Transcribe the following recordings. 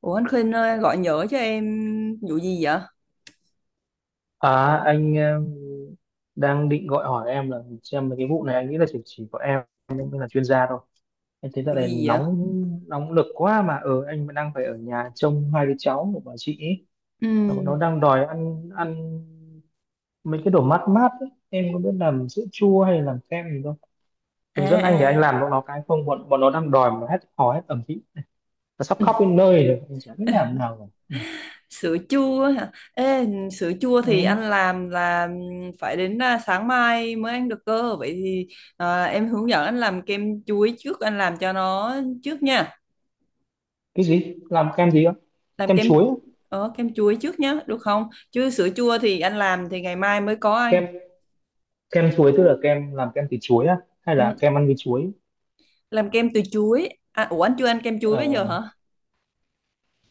Ủa anh Khuynh ơi, gọi nhỡ cho em vụ gì vậy? À, anh em đang định gọi hỏi em là xem mấy cái vụ này anh nghĩ là chỉ có em mới là chuyên gia thôi. Anh thấy dạo Vụ này gì vậy? nóng nóng lực quá mà ở anh vẫn đang phải ở nhà trông hai đứa cháu của bà chị ấy. Ừ. Và bọn nó đang đòi ăn ăn mấy cái đồ mát mát ấy. Em có biết làm sữa chua hay làm kem gì không? À Hướng dẫn anh để anh à. làm bọn nó cái không bọn bọn nó đang đòi mà hết hò hết ẩm ý. Nó sắp khóc đến nơi rồi, anh chả biết làm nào rồi. Ừ. Sữa chua hả? Ê, sữa chua Ừ. thì anh làm là phải đến sáng mai mới ăn được cơ. Vậy thì em hướng dẫn anh làm kem chuối trước, anh làm cho nó trước nha. Cái gì? Làm kem gì không? Làm Kem kem chuối, á? Kem chuối trước nhá, được không? Chứ sữa chua thì anh làm thì ngày mai mới có anh. Kem kem chuối tức là kem làm kem từ chuối á hay Ừ. là kem ăn với chuối? Làm kem từ chuối. À, ủa anh chưa ăn kem chuối bây giờ Ờ, hả?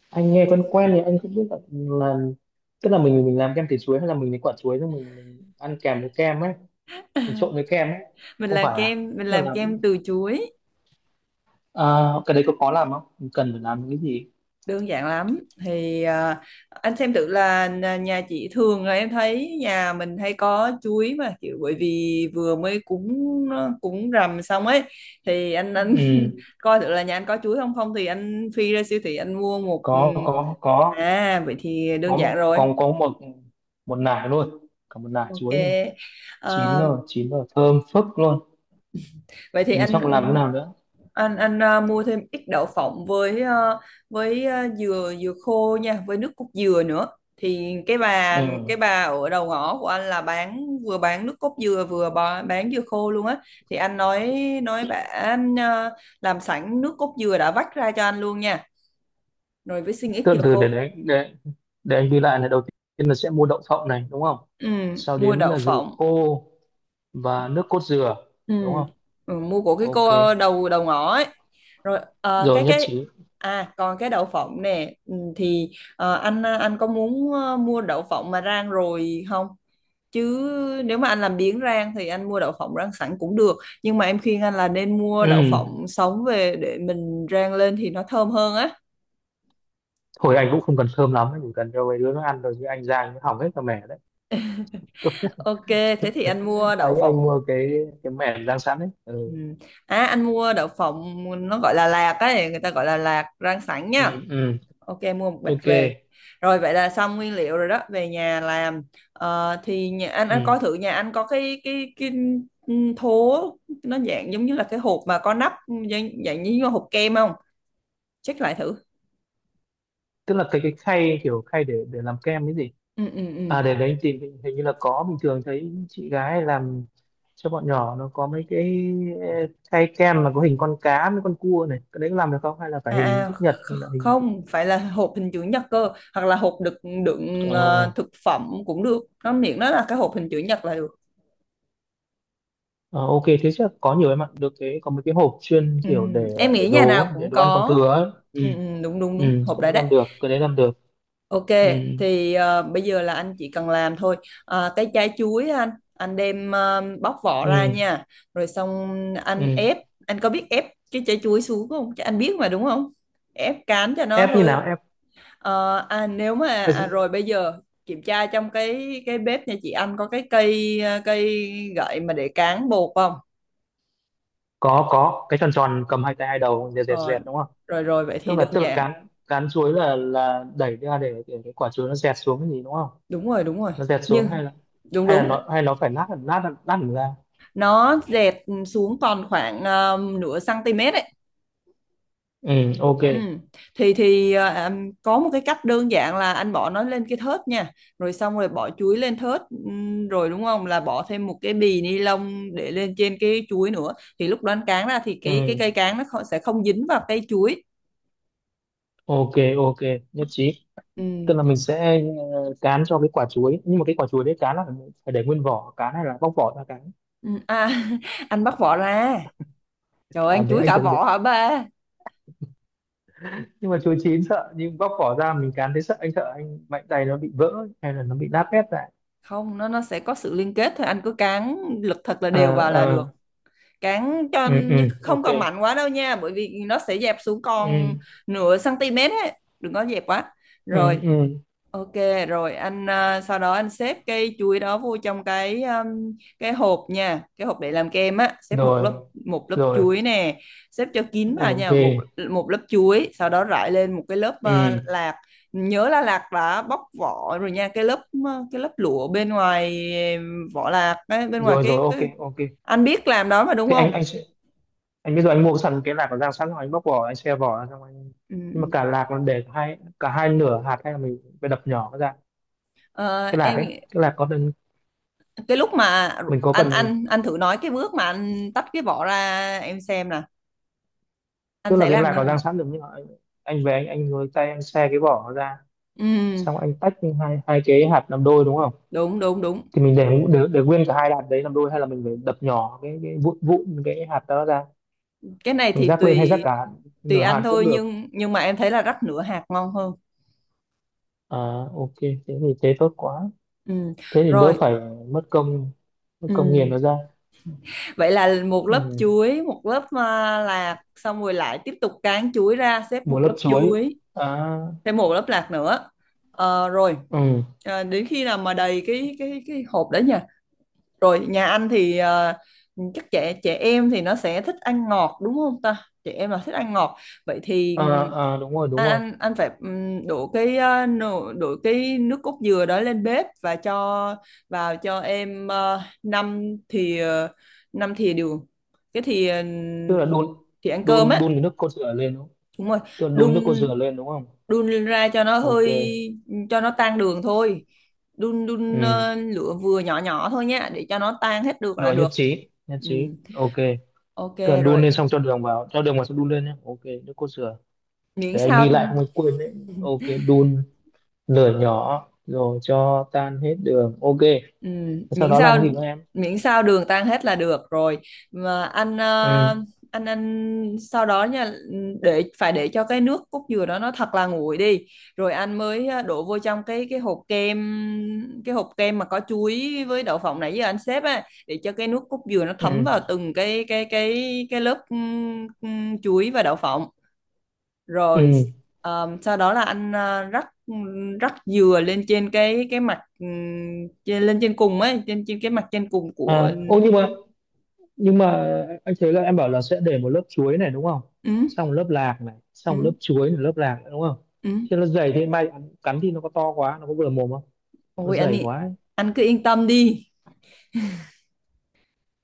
anh nghe quen quen thì anh không biết là tức là mình làm kem từ chuối hay là mình lấy quả chuối xong mình ăn kèm với kem ấy, mình trộn với kem ấy. Không phải à, Mình tức làm là, kem từ chuối. à, cái đấy có khó làm không, mình cần phải làm cái gì? Đơn giản lắm thì anh xem thử là nhà nhà chị thường là em thấy nhà mình hay có chuối mà kiểu bởi vì vừa mới cúng cúng rằm xong ấy thì anh Ừ, anh coi thử là nhà anh có chuối không, không thì anh phi ra siêu thị anh mua một. Ừ, có À vậy thì đơn có giản một- rồi. có có một một nải, luôn cả một nải Ok. chuối này, Ờ, chín rồi, chín rồi, thơm phức luôn. vậy thì Ừ, anh xong làm thế nào nữa? anh anh ờ, mua thêm ít đậu phộng với với dừa dừa khô nha, với nước cốt dừa nữa. Thì cái bà cái Ừ. bà ở đầu ngõ của anh là bán vừa bán nước cốt dừa vừa bò- bán dừa khô luôn á. Thì anh nói bà anh làm sẵn nước cốt dừa đã vắt ra cho anh luôn nha. Rồi với xin ít Từ dừa từ, để khô. để anh ghi lại này. Đầu tiên là sẽ mua đậu phộng này đúng không, Ừ, sau mua đến đậu là dừa phộng. khô và nước cốt dừa Ừ. đúng không? Ừ, mua của cái Ok, cô đầu đầu ngõ ấy. Rồi ờ, rồi nhất cái trí. à còn cái đậu phộng nè, thì anh có muốn mua đậu phộng mà rang rồi không? Chứ nếu mà anh làm biếng rang thì anh mua đậu phộng rang sẵn cũng được, nhưng mà em khuyên anh là nên mua đậu Ừ. phộng sống về để mình rang lên thì nó thơm hơn á. Thôi, anh cũng không cần thơm lắm, anh chỉ cần cho mấy đứa nó ăn rồi chứ anh ra anh hỏng hết cả mẻ đấy. Ok, thế thì anh mua đậu Anh phộng. mua cái mẻ rang sẵn đấy. Ừ. Ừ. À anh mua đậu phộng nó gọi là lạc ấy, người ta gọi là lạc rang sẵn Ừ, nha. ừ, Ok, mua một bịch ok, về, rồi vậy là xong nguyên liệu rồi đó, về nhà làm. Ờ, thì nhà anh ừ. coi thử nhà anh có cái thố, nó dạng giống như là cái hộp mà có nắp, dạng như hộp kem không, check lại thử. Tức là cái khay, kiểu khay để làm kem cái gì? ừ ừ ừ À, để đấy thì hình hình như là có, bình thường thấy chị gái làm cho bọn nhỏ nó có mấy cái khay kem mà có hình con cá với con cua này, cái đấy có làm được không hay là phải à, hình à chữ nhật kh- hay là hình? không phải là hộp hình chữ nhật cơ, hoặc là hộp đựng đựng Ờ, ờ, thực phẩm cũng được, nó miệng nó là cái hộp hình chữ nhật là được. ờ, ok, thế chắc có nhiều em ạ, được cái có mấy cái hộp chuyên Ừ, kiểu để em để nghĩ nhà đồ nào á, để cũng đồ ăn còn có. thừa ấy. Ừ. Ừ, ừ, đúng đúng Ừ, đúng hộp cái đấy đấy đấy. làm được, cái đấy làm được. Ok, Ừ, thì bây giờ là anh chỉ cần làm thôi. À, cái trái chuối á anh đem bóc vỏ ra ừ, nha. Rồi xong anh ừ. ép, anh có biết ép cái trái chuối xuống không? Chứ anh biết mà đúng không? Ép cán cho nó Ép như nào, hơi. ép? Nếu mà rồi bây giờ kiểm tra trong cái bếp nhà chị anh có cái cây cây gậy mà để cán bột không? Có cái tròn tròn cầm hai tay, hai đầu dẹt dẹt Ờ, dẹt đúng không? rồi rồi vậy tức thì là đơn tức là giản. cán cán chuối là đẩy ra để cái quả chuối nó dẹt xuống cái gì đúng không? Đúng rồi, đúng rồi. Nó dẹt Nhưng xuống hay là, đúng hay là đúng, nó hay nó phải lát lát lát hẳn ra? nó dẹt xuống còn khoảng nửa cm ấy. Ừ, ok. Ừ. Thì có một cái cách đơn giản là anh bỏ nó lên cái thớt nha, rồi xong rồi bỏ chuối lên thớt, rồi đúng không, là bỏ thêm một cái bì ni lông để lên trên cái chuối nữa, thì lúc đó anh cán ra thì cái cây Ừ, cán nó không, sẽ không dính vào cây chuối. ok, ok, nhất trí. Tức Ừ. là mình sẽ, cán cho cái quả chuối, nhưng mà cái quả chuối đấy cán là phải để nguyên vỏ cán hay là bóc vỏ ra cán? Ừ. À, anh bắt vỏ ra, trời ơi, À, anh đấy chuối anh cả tưởng biết, vỏ hả ba? nhưng mà chuối chín sợ, nhưng bóc vỏ ra mình cán thấy sợ, anh sợ anh mạnh tay nó bị vỡ hay là nó bị nát bét lại. Không, nó nó sẽ có sự liên kết thôi, anh cứ cán lực thật là đều Ờ, vào là ờ. được. Cán cho Ừ, ừ, không ok. cần mạnh quá đâu nha, bởi vì nó sẽ dẹp xuống Ừ, còn nửa cm ấy, đừng có dẹp quá. ừ, Rồi, ừ. ok. Rồi anh sau đó anh xếp cây chuối đó vô trong cái hộp nha, cái hộp để làm kem á, xếp một lớp, Rồi, một lớp rồi, chuối nè, xếp cho kín vào nha, một OK. một lớp chuối, sau đó rải lên một cái lớp Ừ. lạc. Nhớ là lạc đã bóc vỏ rồi nha, cái lớp lụa bên ngoài, vỏ lạc ấy, bên ngoài Rồi, rồi, cái, OK, cái OK. anh biết làm đó mà đúng Thế anh không. anh sẽ, anh bây giờ anh mua sẵn cái lạc của Giang sẵn rồi anh bóc vỏ, anh xe vỏ ra, xong anh... Ừ, Nhưng mà ừ. cả lạc nó để hai, cả hai nửa hạt hay là mình phải đập nhỏ nó ra? Ờ, Cái lạc em ấy, nghĩ- cái lạc có cần, cái lúc mà ru- mình có anh cần... anh anh thử nói cái bước mà anh tách cái vỏ ra em xem nè, anh Tức là sẽ cái làm lạc như có thế giang nào. sẵn được, nhưng mà anh về anh với tay anh xe cái vỏ nó ra, Ừ, xong anh tách hai hai cái hạt làm đôi đúng không? đúng đúng đúng, Thì mình để nguyên cả hai hạt đấy làm đôi hay là mình phải đập nhỏ cái vụn vụn cái hạt đó ra? cái này Mình thì rắc lên hay rắc tùy, cả tùy nửa anh hạt cũng thôi, được? nhưng mà em thấy là rắc nửa hạt ngon hơn. À, ok, thế thì tốt quá. Ừ, Thế thì đỡ rồi. phải mất công mất công nghiền Ừ. nó ra. Vậy là một lớp Ừ. chuối một lớp lạc xong rồi lại tiếp tục cán chuối ra xếp Một một lớp lớp chuối. chuối, À, thêm một lớp lạc nữa. Ờ, rồi. ừ. Ờ, đến khi nào mà đầy cái hộp đấy nhỉ. Rồi nhà anh thì chắc trẻ trẻ em thì nó sẽ thích ăn ngọt đúng không ta? Trẻ em là thích ăn ngọt. Vậy thì À, ừm, à, đúng rồi, đúng anh rồi. anh anh phải đổ đổ cái nước cốt dừa đó lên bếp và cho vào cho em năm thìa, năm thìa đường. Cái thìa Tức là đun thìa ăn cơm đun á. đun cái nước cốt dừa lên đúng không? Đúng rồi. Tức là đun nước đun cốt dừa lên đúng không? đun lên ra cho nó Ok. hơi, cho nó tan đường thôi. Đun đun Ừ. Lửa vừa nhỏ nhỏ thôi nhé, để cho nó tan hết được là Rồi nhất được. trí, nhất Ừ. trí. Ok. Ok. Tức là đun Rồi, lên xong cho đường vào xong đun lên nhé. Ok, nước cốt dừa. miễn Để anh sao. ghi lại không anh quên đấy. Ok, đun lửa nhỏ rồi cho tan hết đường. Ok. Ừ, Sau miễn đó làm sao cái gì nữa em? miễn sao đường tan hết là được rồi. Mà anh Ừ. anh sau đó nha, để phải để cho cái nước cốt dừa đó nó thật là nguội đi, rồi anh mới đổ vô trong cái hộp kem, cái hộp kem mà có chuối với đậu phộng nãy giờ anh xếp á, để cho cái nước cốt dừa nó Ừ. thấm vào từng cái lớp chuối và đậu phộng. Rồi Ừ. Sau đó là anh rắc, rắc dừa lên trên cái mặt, lên trên cùng ấy, trên trên cái mặt trên cùng của. À, ô, nhưng mà anh thấy là em bảo là sẽ để một lớp chuối này đúng không? Ừ, Xong một lớp lạc này, xong một lớp ừ, chuối này, lớp lạc nữa đúng không? ừ. Thế nó dày thế mai cắn thì nó có to quá, nó có vừa mồm không? Nó Ôi anh dày ý, quá ấy. anh cứ yên tâm đi,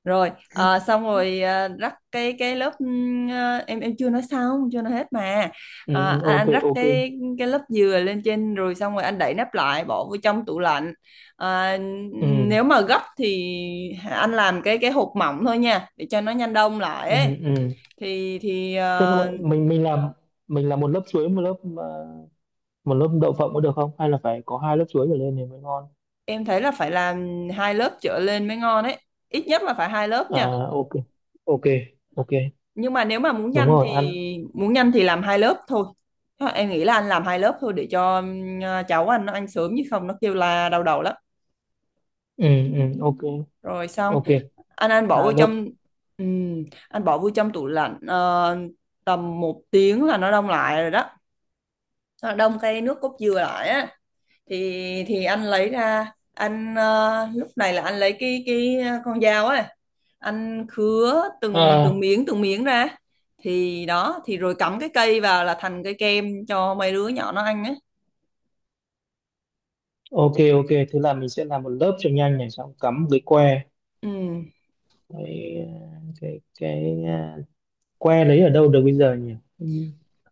rồi xong rồi rắc cái lớp ờ, em chưa nói xong, chưa nói hết mà. Ừ, Ờ, ừ, ok, anh rắc ok. cái lớp dừa lên trên rồi, xong rồi anh đậy nắp lại bỏ vô trong tủ lạnh. Ờ, Ừ, nếu mà gấp thì anh làm cái hộp mỏng thôi nha, để cho nó nhanh đông lại ừ, ấy. ừ. thì thì Thế nhưng mà ờ, mình làm một lớp chuối, một lớp, à, một lớp đậu phộng có được không? Hay là phải có hai lớp chuối trở lên thì mới ngon? em thấy là phải làm hai lớp trở lên mới ngon ấy, ít nhất là phải hai lớp À, nha. ok, ok, ok, Nhưng mà nếu mà muốn đúng nhanh thì, rồi ăn. muốn nhanh thì làm hai lớp thôi. Thôi, em nghĩ là anh làm hai lớp thôi để cho, cháu anh nó ăn sớm chứ không nó kêu la đau đầu lắm. Ừ, ừ, ok, Rồi xong ok, anh bỏ hai vô lớp. trong, anh bỏ vô trong tủ lạnh tầm một tiếng là nó đông lại rồi đó, nó đông cái nước cốt dừa lại á. Thì anh lấy ra anh, lúc này là anh lấy cái con dao ấy, anh khứa từng À, từng miếng ra, thì đó thì rồi cắm cái cây vào là thành cây kem cho mấy đứa nhỏ nó ăn ấy. ok, ok, thế là mình sẽ làm một lớp cho nhanh này xong cắm một cái que, Ừ. cái cái à, que lấy ở đâu được bây giờ nhỉ? Ừ,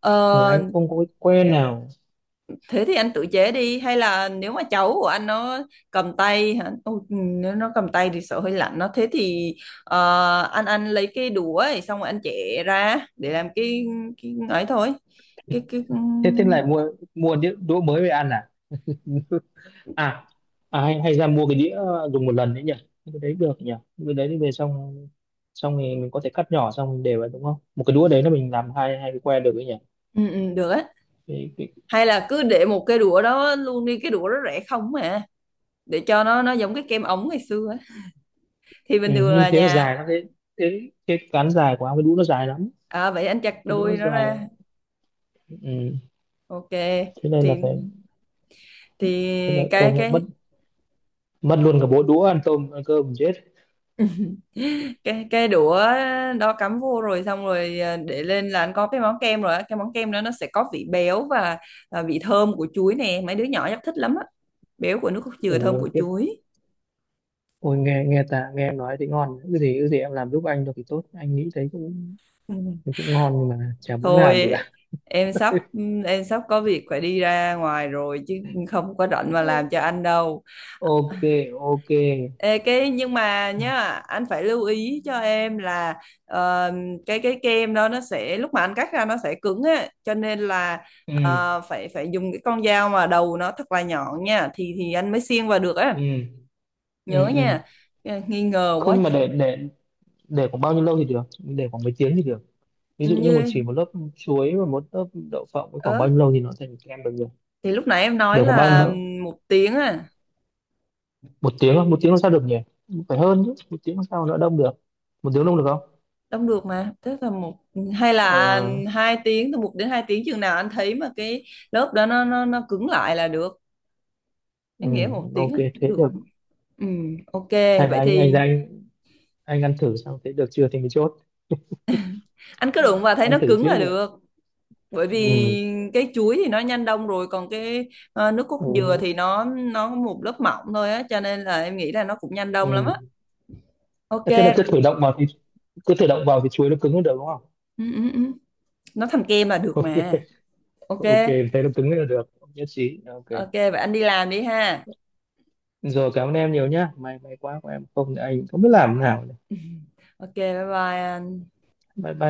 Ờ, nhà anh không có cái que nào. thế thì anh tự chế đi, hay là nếu mà cháu của anh nó cầm tay hả? Ôi, ừ, nếu nó cầm tay thì sợ hơi lạnh nó, thế thì anh lấy cái đũa ấy, xong rồi anh chẻ ra để làm cái ấy thôi, cái Thế thế lại mua mua đĩa đũa mới về ăn à? À, hay hay ra mua cái đĩa dùng một lần đấy nhỉ? Cái đấy được nhỉ? Cái đấy thì về xong, thì mình có thể cắt nhỏ xong mình để vào đúng không, một cái đũa đấy là mình làm hai hai cái que được đấy nhỉ? ừ, ừ, được á. cái, cái, Hay là cứ để một cái đũa đó luôn đi, cái đũa đó rẻ không mà, để cho nó giống cái kem ống ngày xưa á. Thì ừ, bình thường nhưng là thế là nhà. dài lắm. Thế thế cái cán dài của ông, cái đũa nó dài lắm, À, vậy anh chặt cái đũa nó đôi nó dài. ra. Ừ. Ok. Thế nên là thì phải, thì thế lợi cái công là cái mất mất luôn cả bộ đũa ăn tôm ăn cơm chết. cái đũa đó cắm vô rồi xong rồi, để lên là anh có cái món kem rồi á. Cái món kem đó nó sẽ có vị béo và vị thơm của chuối nè, mấy đứa nhỏ chắc thích lắm á, béo của nước cốt dừa, thơm Ủa của tiếp, chuối. ôi nghe nghe ta nghe em nói thì ngon, cái gì em làm giúp anh được thì tốt, anh nghĩ thấy cũng, thì cũng ngon nhưng mà chả muốn làm được Thôi cả. em sắp em sắp có việc phải đi ra ngoài rồi chứ không có rảnh mà Ừ. làm cho anh đâu. Ok, ok. Ê, cái nhưng mà nhá, anh phải lưu ý cho em là ờ, cái kem đó nó sẽ lúc mà anh cắt ra nó sẽ cứng á, cho nên là Ừ, ờ, phải phải dùng cái con dao mà đầu nó thật là nhọn nha, thì anh mới xiên vào được ừ, á, ừ, nhớ ừ. nha. Ờ, nghi ngờ quá. Không, mà để để khoảng bao nhiêu lâu thì được, để khoảng mấy tiếng thì được? Ví dụ như Như một lớp chuối và một lớp đậu phộng với khoảng ớ bao nhiêu lâu thì nó thành kem được nhỉ? thì lúc nãy em nói Để khoảng bao là nhiêu? một tiếng á, Một tiếng không? Một tiếng làm sao được nhỉ, phải hơn chứ, một tiếng làm sao nó đông được? Một tiếng đông được không? đông được mà, tức là một hay là Ờ, 2 tiếng, từ một đến 2 tiếng, chừng nào anh thấy mà cái lớp đó nó cứng lại là được. ừ, Em nghĩ một tiếng ok, là cũng thế được. được. Ừ, ok Hay là vậy anh thì ra anh ăn thử xong thế được chưa thì mình chốt, anh cứ đụng vào thấy nó ăn thử cứng trước là vậy. được, bởi Ừ, vì cái chuối thì nó nhanh đông rồi, còn cái nước cốt ừ, dừa thì nó có một lớp mỏng thôi á, cho nên là em nghĩ là nó cũng nhanh đông lắm ừ. á. Ok. Ờ, thế là cứ thử động vào thì, cứ thử động vào thì chuối nó cứng hơn được đúng không? Ừ, ừ, ừ. Nó thành kem là được mà. Ok. Ok, thế nó cứng là được, nhất trí, ok. Ok vậy anh đi làm đi ha. Rồi, cảm ơn em nhiều nhá, may may quá của em không thì anh không biết làm thế nào. Ok, bye bye anh. Bye bye.